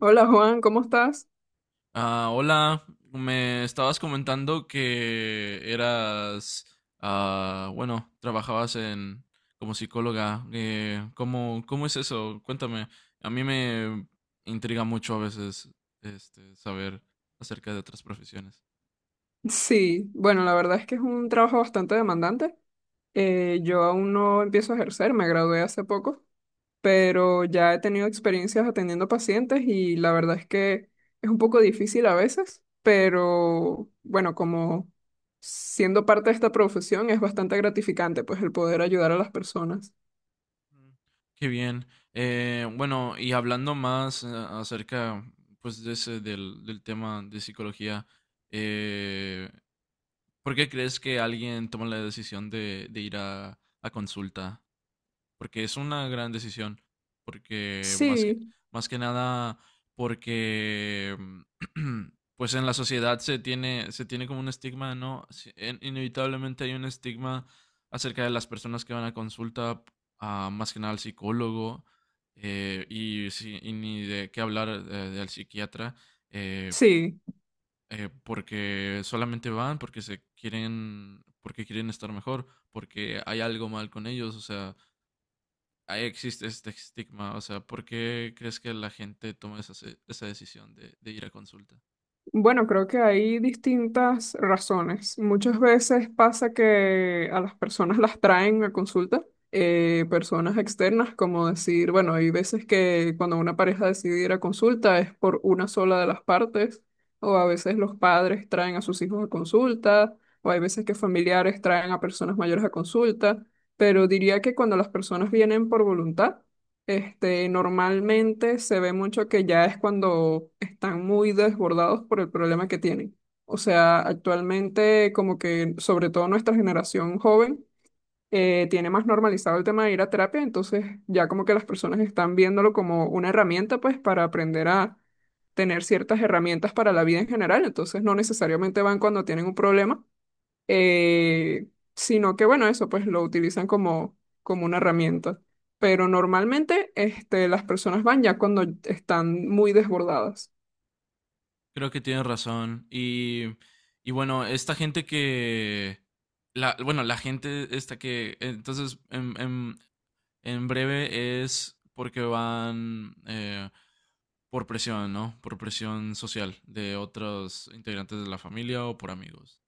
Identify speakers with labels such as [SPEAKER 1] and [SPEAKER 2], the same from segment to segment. [SPEAKER 1] Hola Juan, ¿cómo estás?
[SPEAKER 2] Hola, me estabas comentando que eras, bueno, trabajabas en como psicóloga. ¿Cómo, cómo es eso? Cuéntame. A mí me intriga mucho a veces saber acerca de otras profesiones.
[SPEAKER 1] Sí, bueno, la verdad es que es un trabajo bastante demandante. Yo aún no empiezo a ejercer, me gradué hace poco, pero ya he tenido experiencias atendiendo pacientes y la verdad es que es un poco difícil a veces, pero bueno, como siendo parte de esta profesión es bastante gratificante, pues el poder ayudar a las personas.
[SPEAKER 2] Mm. Qué bien. Bueno, y hablando más acerca pues de ese, del tema de psicología, eh, ¿por qué crees que alguien toma la decisión de ir a consulta? Porque es una gran decisión, porque
[SPEAKER 1] Sí,
[SPEAKER 2] más que nada, porque pues en la sociedad se tiene como un estigma, ¿no? Inevitablemente hay un estigma acerca de las personas que van a consulta, a, más que nada al psicólogo, y ni de qué hablar del psiquiatra, eh,
[SPEAKER 1] sí.
[SPEAKER 2] porque solamente van porque se quieren, porque quieren estar mejor, porque hay algo mal con ellos, o sea, ahí existe este estigma. O sea, ¿por qué crees que la gente toma esa, esa decisión de ir a consulta?
[SPEAKER 1] Bueno, creo que hay distintas razones. Muchas veces pasa que a las personas las traen a consulta, personas externas, como decir, bueno, hay veces que cuando una pareja decide ir a consulta es por una sola de las partes, o a veces los padres traen a sus hijos a consulta, o hay veces que familiares traen a personas mayores a consulta, pero diría que cuando las personas vienen por voluntad, este, normalmente se ve mucho que ya es cuando están muy desbordados por el problema que tienen. O sea, actualmente como que sobre todo nuestra generación joven tiene más normalizado el tema de ir a terapia, entonces ya como que las personas están viéndolo como una herramienta pues para aprender a tener ciertas herramientas para la vida en general, entonces no necesariamente van cuando tienen un problema eh, sino que bueno, eso pues lo utilizan como, como una herramienta. Pero normalmente este, las personas van ya cuando están muy desbordadas.
[SPEAKER 2] Creo que tienes razón. Y bueno, esta gente que... La, bueno, la gente esta que... Entonces, en breve es porque van por presión, ¿no? Por presión social de otros integrantes de la familia o por amigos.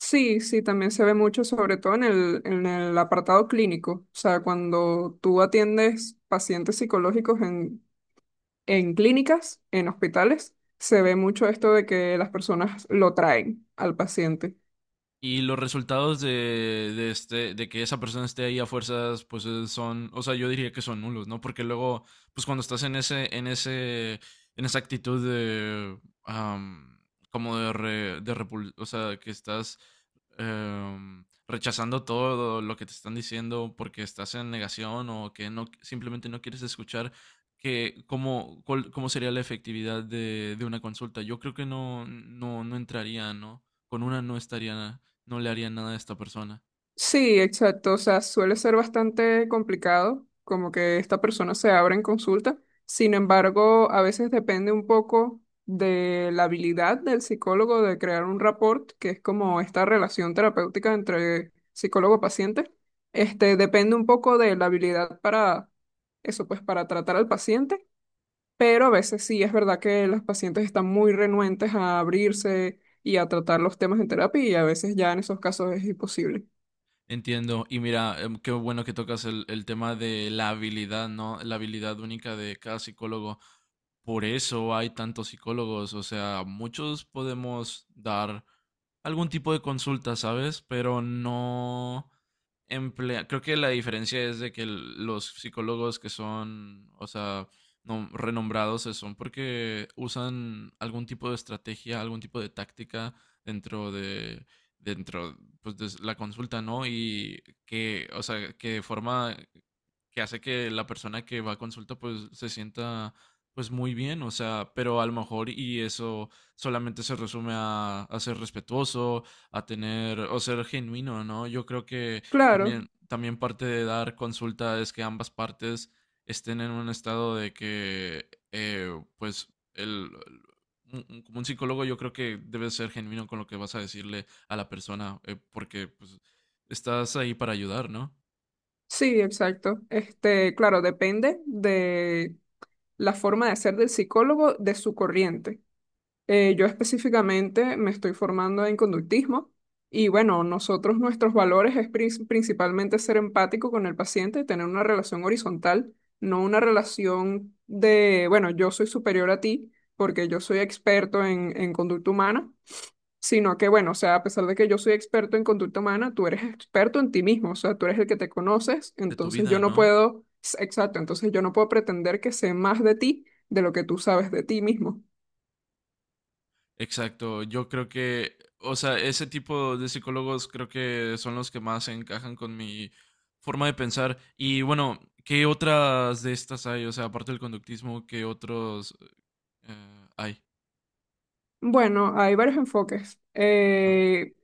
[SPEAKER 1] Sí, sí, también se ve mucho, sobre todo en el apartado clínico. O sea, cuando tú atiendes pacientes psicológicos en clínicas, en hospitales, se ve mucho esto de que las personas lo traen al paciente.
[SPEAKER 2] Y los resultados este, de que esa persona esté ahí a fuerzas, pues son, o sea, yo diría que son nulos, ¿no? Porque luego, pues cuando estás en ese, en ese, en esa actitud de, am, como de, o sea, que estás rechazando todo lo que te están diciendo porque estás en negación o que no, simplemente no quieres escuchar, que, ¿cómo, cómo sería la efectividad de una consulta? Yo creo que no, no, no entraría, ¿no? Con una no estaría no le haría nada a esta persona.
[SPEAKER 1] Sí, exacto. O sea, suele ser bastante complicado, como que esta persona se abra en consulta. Sin embargo, a veces depende un poco de la habilidad del psicólogo de crear un rapport, que es como esta relación terapéutica entre psicólogo-paciente. Este, depende un poco de la habilidad para eso, pues para tratar al paciente, pero a veces sí es verdad que los pacientes están muy renuentes a abrirse y a tratar los temas en terapia y a veces ya en esos casos es imposible.
[SPEAKER 2] Entiendo. Y mira, qué bueno que tocas el tema de la habilidad, ¿no? La habilidad única de cada psicólogo. Por eso hay tantos psicólogos. O sea, muchos podemos dar algún tipo de consulta, ¿sabes? Pero no emplea. Creo que la diferencia es de que los psicólogos que son, o sea, renombrados son porque usan algún tipo de estrategia, algún tipo de táctica dentro de dentro pues, la consulta, ¿no? Y que, o sea, que de forma que hace que la persona que va a consulta pues se sienta pues muy bien, o sea, pero a lo mejor y eso solamente se resume a ser respetuoso, a tener o ser genuino, ¿no? Yo creo que
[SPEAKER 1] Claro,
[SPEAKER 2] también, también parte de dar consulta es que ambas partes estén en un estado de que pues el, como un psicólogo yo creo que debes ser genuino con lo que vas a decirle a la persona, porque pues estás ahí para ayudar, ¿no?
[SPEAKER 1] sí, exacto. Este, claro, depende de la forma de ser del psicólogo, de su corriente. Yo específicamente me estoy formando en conductismo y bueno, nosotros nuestros valores es principalmente ser empático con el paciente, tener una relación horizontal, no una relación de, bueno, yo soy superior a ti porque yo soy experto en conducta humana. Sino que, bueno, o sea, a pesar de que yo soy experto en conducta humana, tú eres experto en ti mismo, o sea, tú eres el que te conoces,
[SPEAKER 2] De tu
[SPEAKER 1] entonces yo
[SPEAKER 2] vida,
[SPEAKER 1] no
[SPEAKER 2] ¿no?
[SPEAKER 1] puedo, exacto, entonces yo no puedo pretender que sé más de ti de lo que tú sabes de ti mismo.
[SPEAKER 2] Exacto, yo creo que, o sea, ese tipo de psicólogos creo que son los que más encajan con mi forma de pensar. Y bueno, ¿qué otras de estas hay? O sea, aparte del conductismo, ¿qué otros hay?
[SPEAKER 1] Bueno, hay varios enfoques.
[SPEAKER 2] Ah,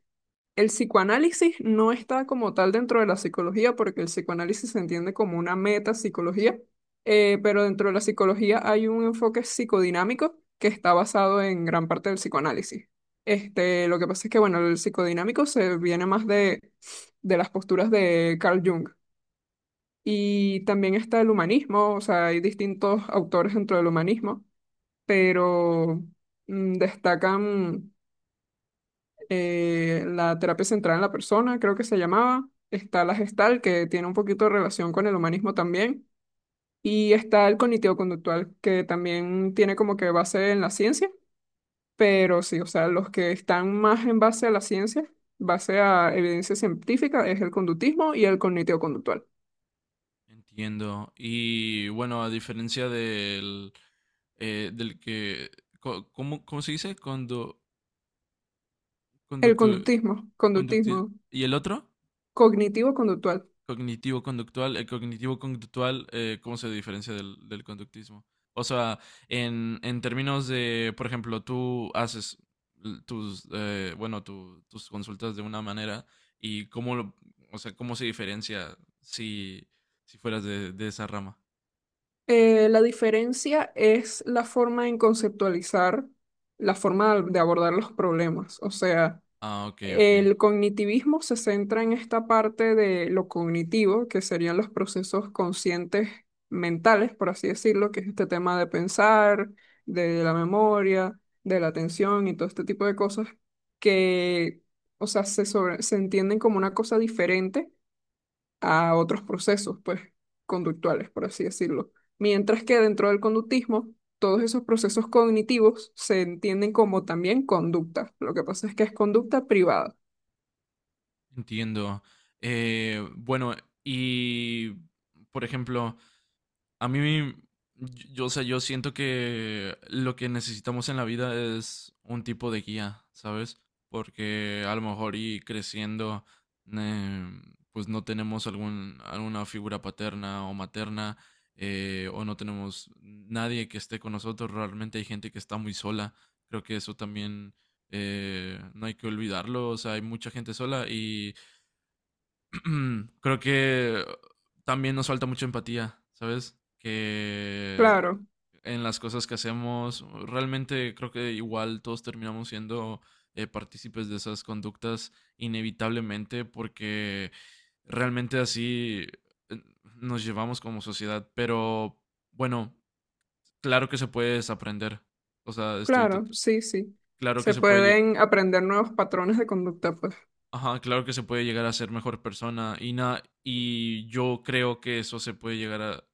[SPEAKER 1] El psicoanálisis no está como tal dentro de la psicología, porque el psicoanálisis se entiende como una metapsicología, pero dentro de la psicología hay un enfoque psicodinámico que está basado en gran parte del psicoanálisis. Este, lo que pasa es que, bueno, el psicodinámico se viene más de las posturas de Carl Jung. Y también está el humanismo, o sea, hay distintos autores dentro del humanismo, pero destacan, la terapia central en la persona, creo que se llamaba. Está la gestal, que tiene un poquito de relación con el humanismo también. Y está el cognitivo-conductual, que también tiene como que base en la ciencia. Pero sí, o sea, los que están más en base a la ciencia, base a evidencia científica, es el conductismo y el cognitivo-conductual.
[SPEAKER 2] entiendo. Y bueno, a diferencia del, del que, ¿cómo, cómo se dice? Condo,
[SPEAKER 1] El
[SPEAKER 2] conductu,
[SPEAKER 1] conductismo,
[SPEAKER 2] conducti-
[SPEAKER 1] conductismo,
[SPEAKER 2] ¿y el otro?
[SPEAKER 1] cognitivo-conductual.
[SPEAKER 2] Cognitivo-conductual. El cognitivo-conductual, ¿cómo se diferencia del conductismo? O sea, en términos de, por ejemplo, tú haces tus, bueno, tus consultas de una manera y cómo, lo- o sea, cómo se diferencia si, si fueras de esa rama.
[SPEAKER 1] La diferencia es la forma en conceptualizar, la forma de abordar los problemas. O sea,
[SPEAKER 2] Ah, ok, ok.
[SPEAKER 1] el cognitivismo se centra en esta parte de lo cognitivo, que serían los procesos conscientes mentales, por así decirlo, que es este tema de pensar, de la memoria, de la atención y todo este tipo de cosas que, o sea, se entienden como una cosa diferente a otros procesos, pues, conductuales, por así decirlo. Mientras que dentro del conductismo, todos esos procesos cognitivos se entienden como también conducta. Lo que pasa es que es conducta privada.
[SPEAKER 2] Entiendo. Bueno, y, por ejemplo, a mí, yo, o sea, yo siento que lo que necesitamos en la vida es un tipo de guía, ¿sabes? Porque a lo mejor y creciendo, eh, pues no tenemos algún, alguna figura paterna o materna, o no tenemos nadie que esté con nosotros. Realmente hay gente que está muy sola. Creo que eso también no hay que olvidarlo. O sea, hay mucha gente sola y creo que también nos falta mucha empatía, ¿sabes? Que
[SPEAKER 1] Claro,
[SPEAKER 2] en las cosas que hacemos, realmente creo que igual todos terminamos siendo partícipes de esas conductas inevitablemente porque realmente así eh, nos llevamos como sociedad, pero bueno, claro que se puede desaprender, o sea, estoy
[SPEAKER 1] claro,
[SPEAKER 2] tot-
[SPEAKER 1] sí, sí.
[SPEAKER 2] claro que
[SPEAKER 1] Se
[SPEAKER 2] se puede.
[SPEAKER 1] pueden aprender nuevos patrones de conducta, pues.
[SPEAKER 2] Ajá, claro que se puede llegar a ser mejor persona y na- y yo creo que eso se puede llegar a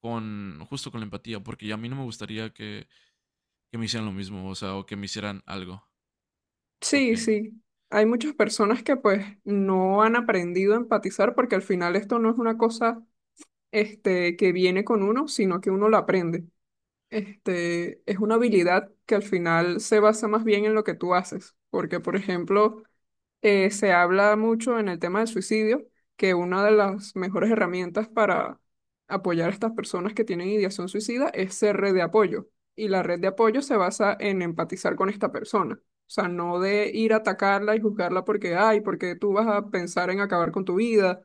[SPEAKER 2] con justo con la empatía, porque a mí no me gustaría que me hicieran lo mismo, o sea, o que me hicieran algo, algo
[SPEAKER 1] Sí,
[SPEAKER 2] que,
[SPEAKER 1] sí. Hay muchas personas que pues no han aprendido a empatizar porque al final esto no es una cosa este que viene con uno, sino que uno la aprende. Este es una habilidad que al final se basa más bien en lo que tú haces, porque por ejemplo, se habla mucho en el tema del suicidio, que una de las mejores herramientas para apoyar a estas personas que tienen ideación suicida es ser red de apoyo. Y la red de apoyo se basa en empatizar con esta persona. O sea, no de ir a atacarla y juzgarla porque, ay, porque tú vas a pensar en acabar con tu vida,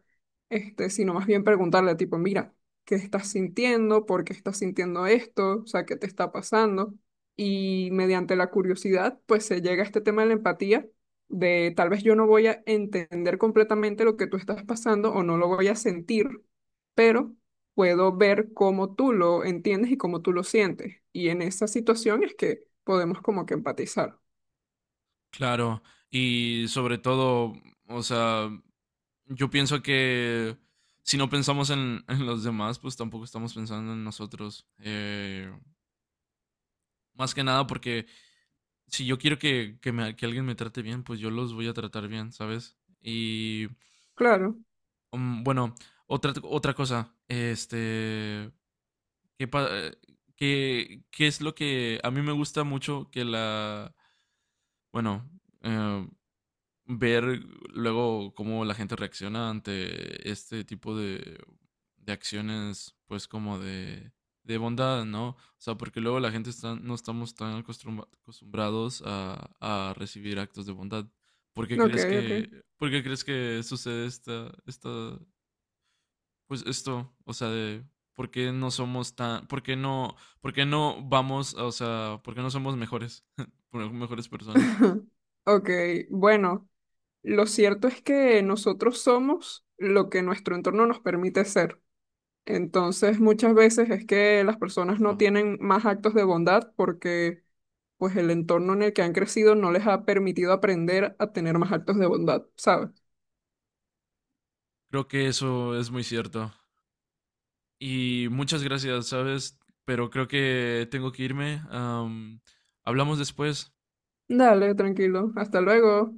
[SPEAKER 1] este, sino más bien preguntarle, tipo, mira, ¿qué estás sintiendo? ¿Por qué estás sintiendo esto? O sea, ¿qué te está pasando? Y mediante la curiosidad, pues se llega a este tema de la empatía de tal vez yo no voy a entender completamente lo que tú estás pasando o no lo voy a sentir, pero puedo ver cómo tú lo entiendes y cómo tú lo sientes. Y en esa situación es que podemos como que empatizar.
[SPEAKER 2] claro, y sobre todo, o sea, yo pienso que si no pensamos en los demás, pues tampoco estamos pensando en nosotros. Más que nada porque si yo quiero que, me- que alguien me trate bien, pues yo los voy a tratar bien, ¿sabes? Y
[SPEAKER 1] Claro,
[SPEAKER 2] mm, bueno, otra, otra cosa, este, ¿qué, qué- qué es lo que a mí me gusta mucho que la, bueno, eh, ver luego cómo la gente reacciona ante este tipo de acciones, pues como de bondad, ¿no? O sea, porque luego la gente está, no estamos tan acostumbra- acostumbrados a recibir actos de bondad. ¿Por qué
[SPEAKER 1] ok,
[SPEAKER 2] crees
[SPEAKER 1] ok.
[SPEAKER 2] que, por qué crees que sucede esta, esta, pues esto, o sea, de por qué no somos tan, por qué no vamos, o sea, por qué no somos mejores, por- mejores personas.
[SPEAKER 1] Ok, bueno, lo cierto es que nosotros somos lo que nuestro entorno nos permite ser. Entonces, muchas veces es que las personas no
[SPEAKER 2] Wow.
[SPEAKER 1] tienen más actos de bondad porque pues el entorno en el que han crecido no les ha permitido aprender a tener más actos de bondad, ¿sabes?
[SPEAKER 2] Creo que eso es muy cierto. Y muchas gracias, ¿sabes? Pero creo que tengo que irme. Hablamos después.
[SPEAKER 1] Dale, tranquilo. Hasta luego.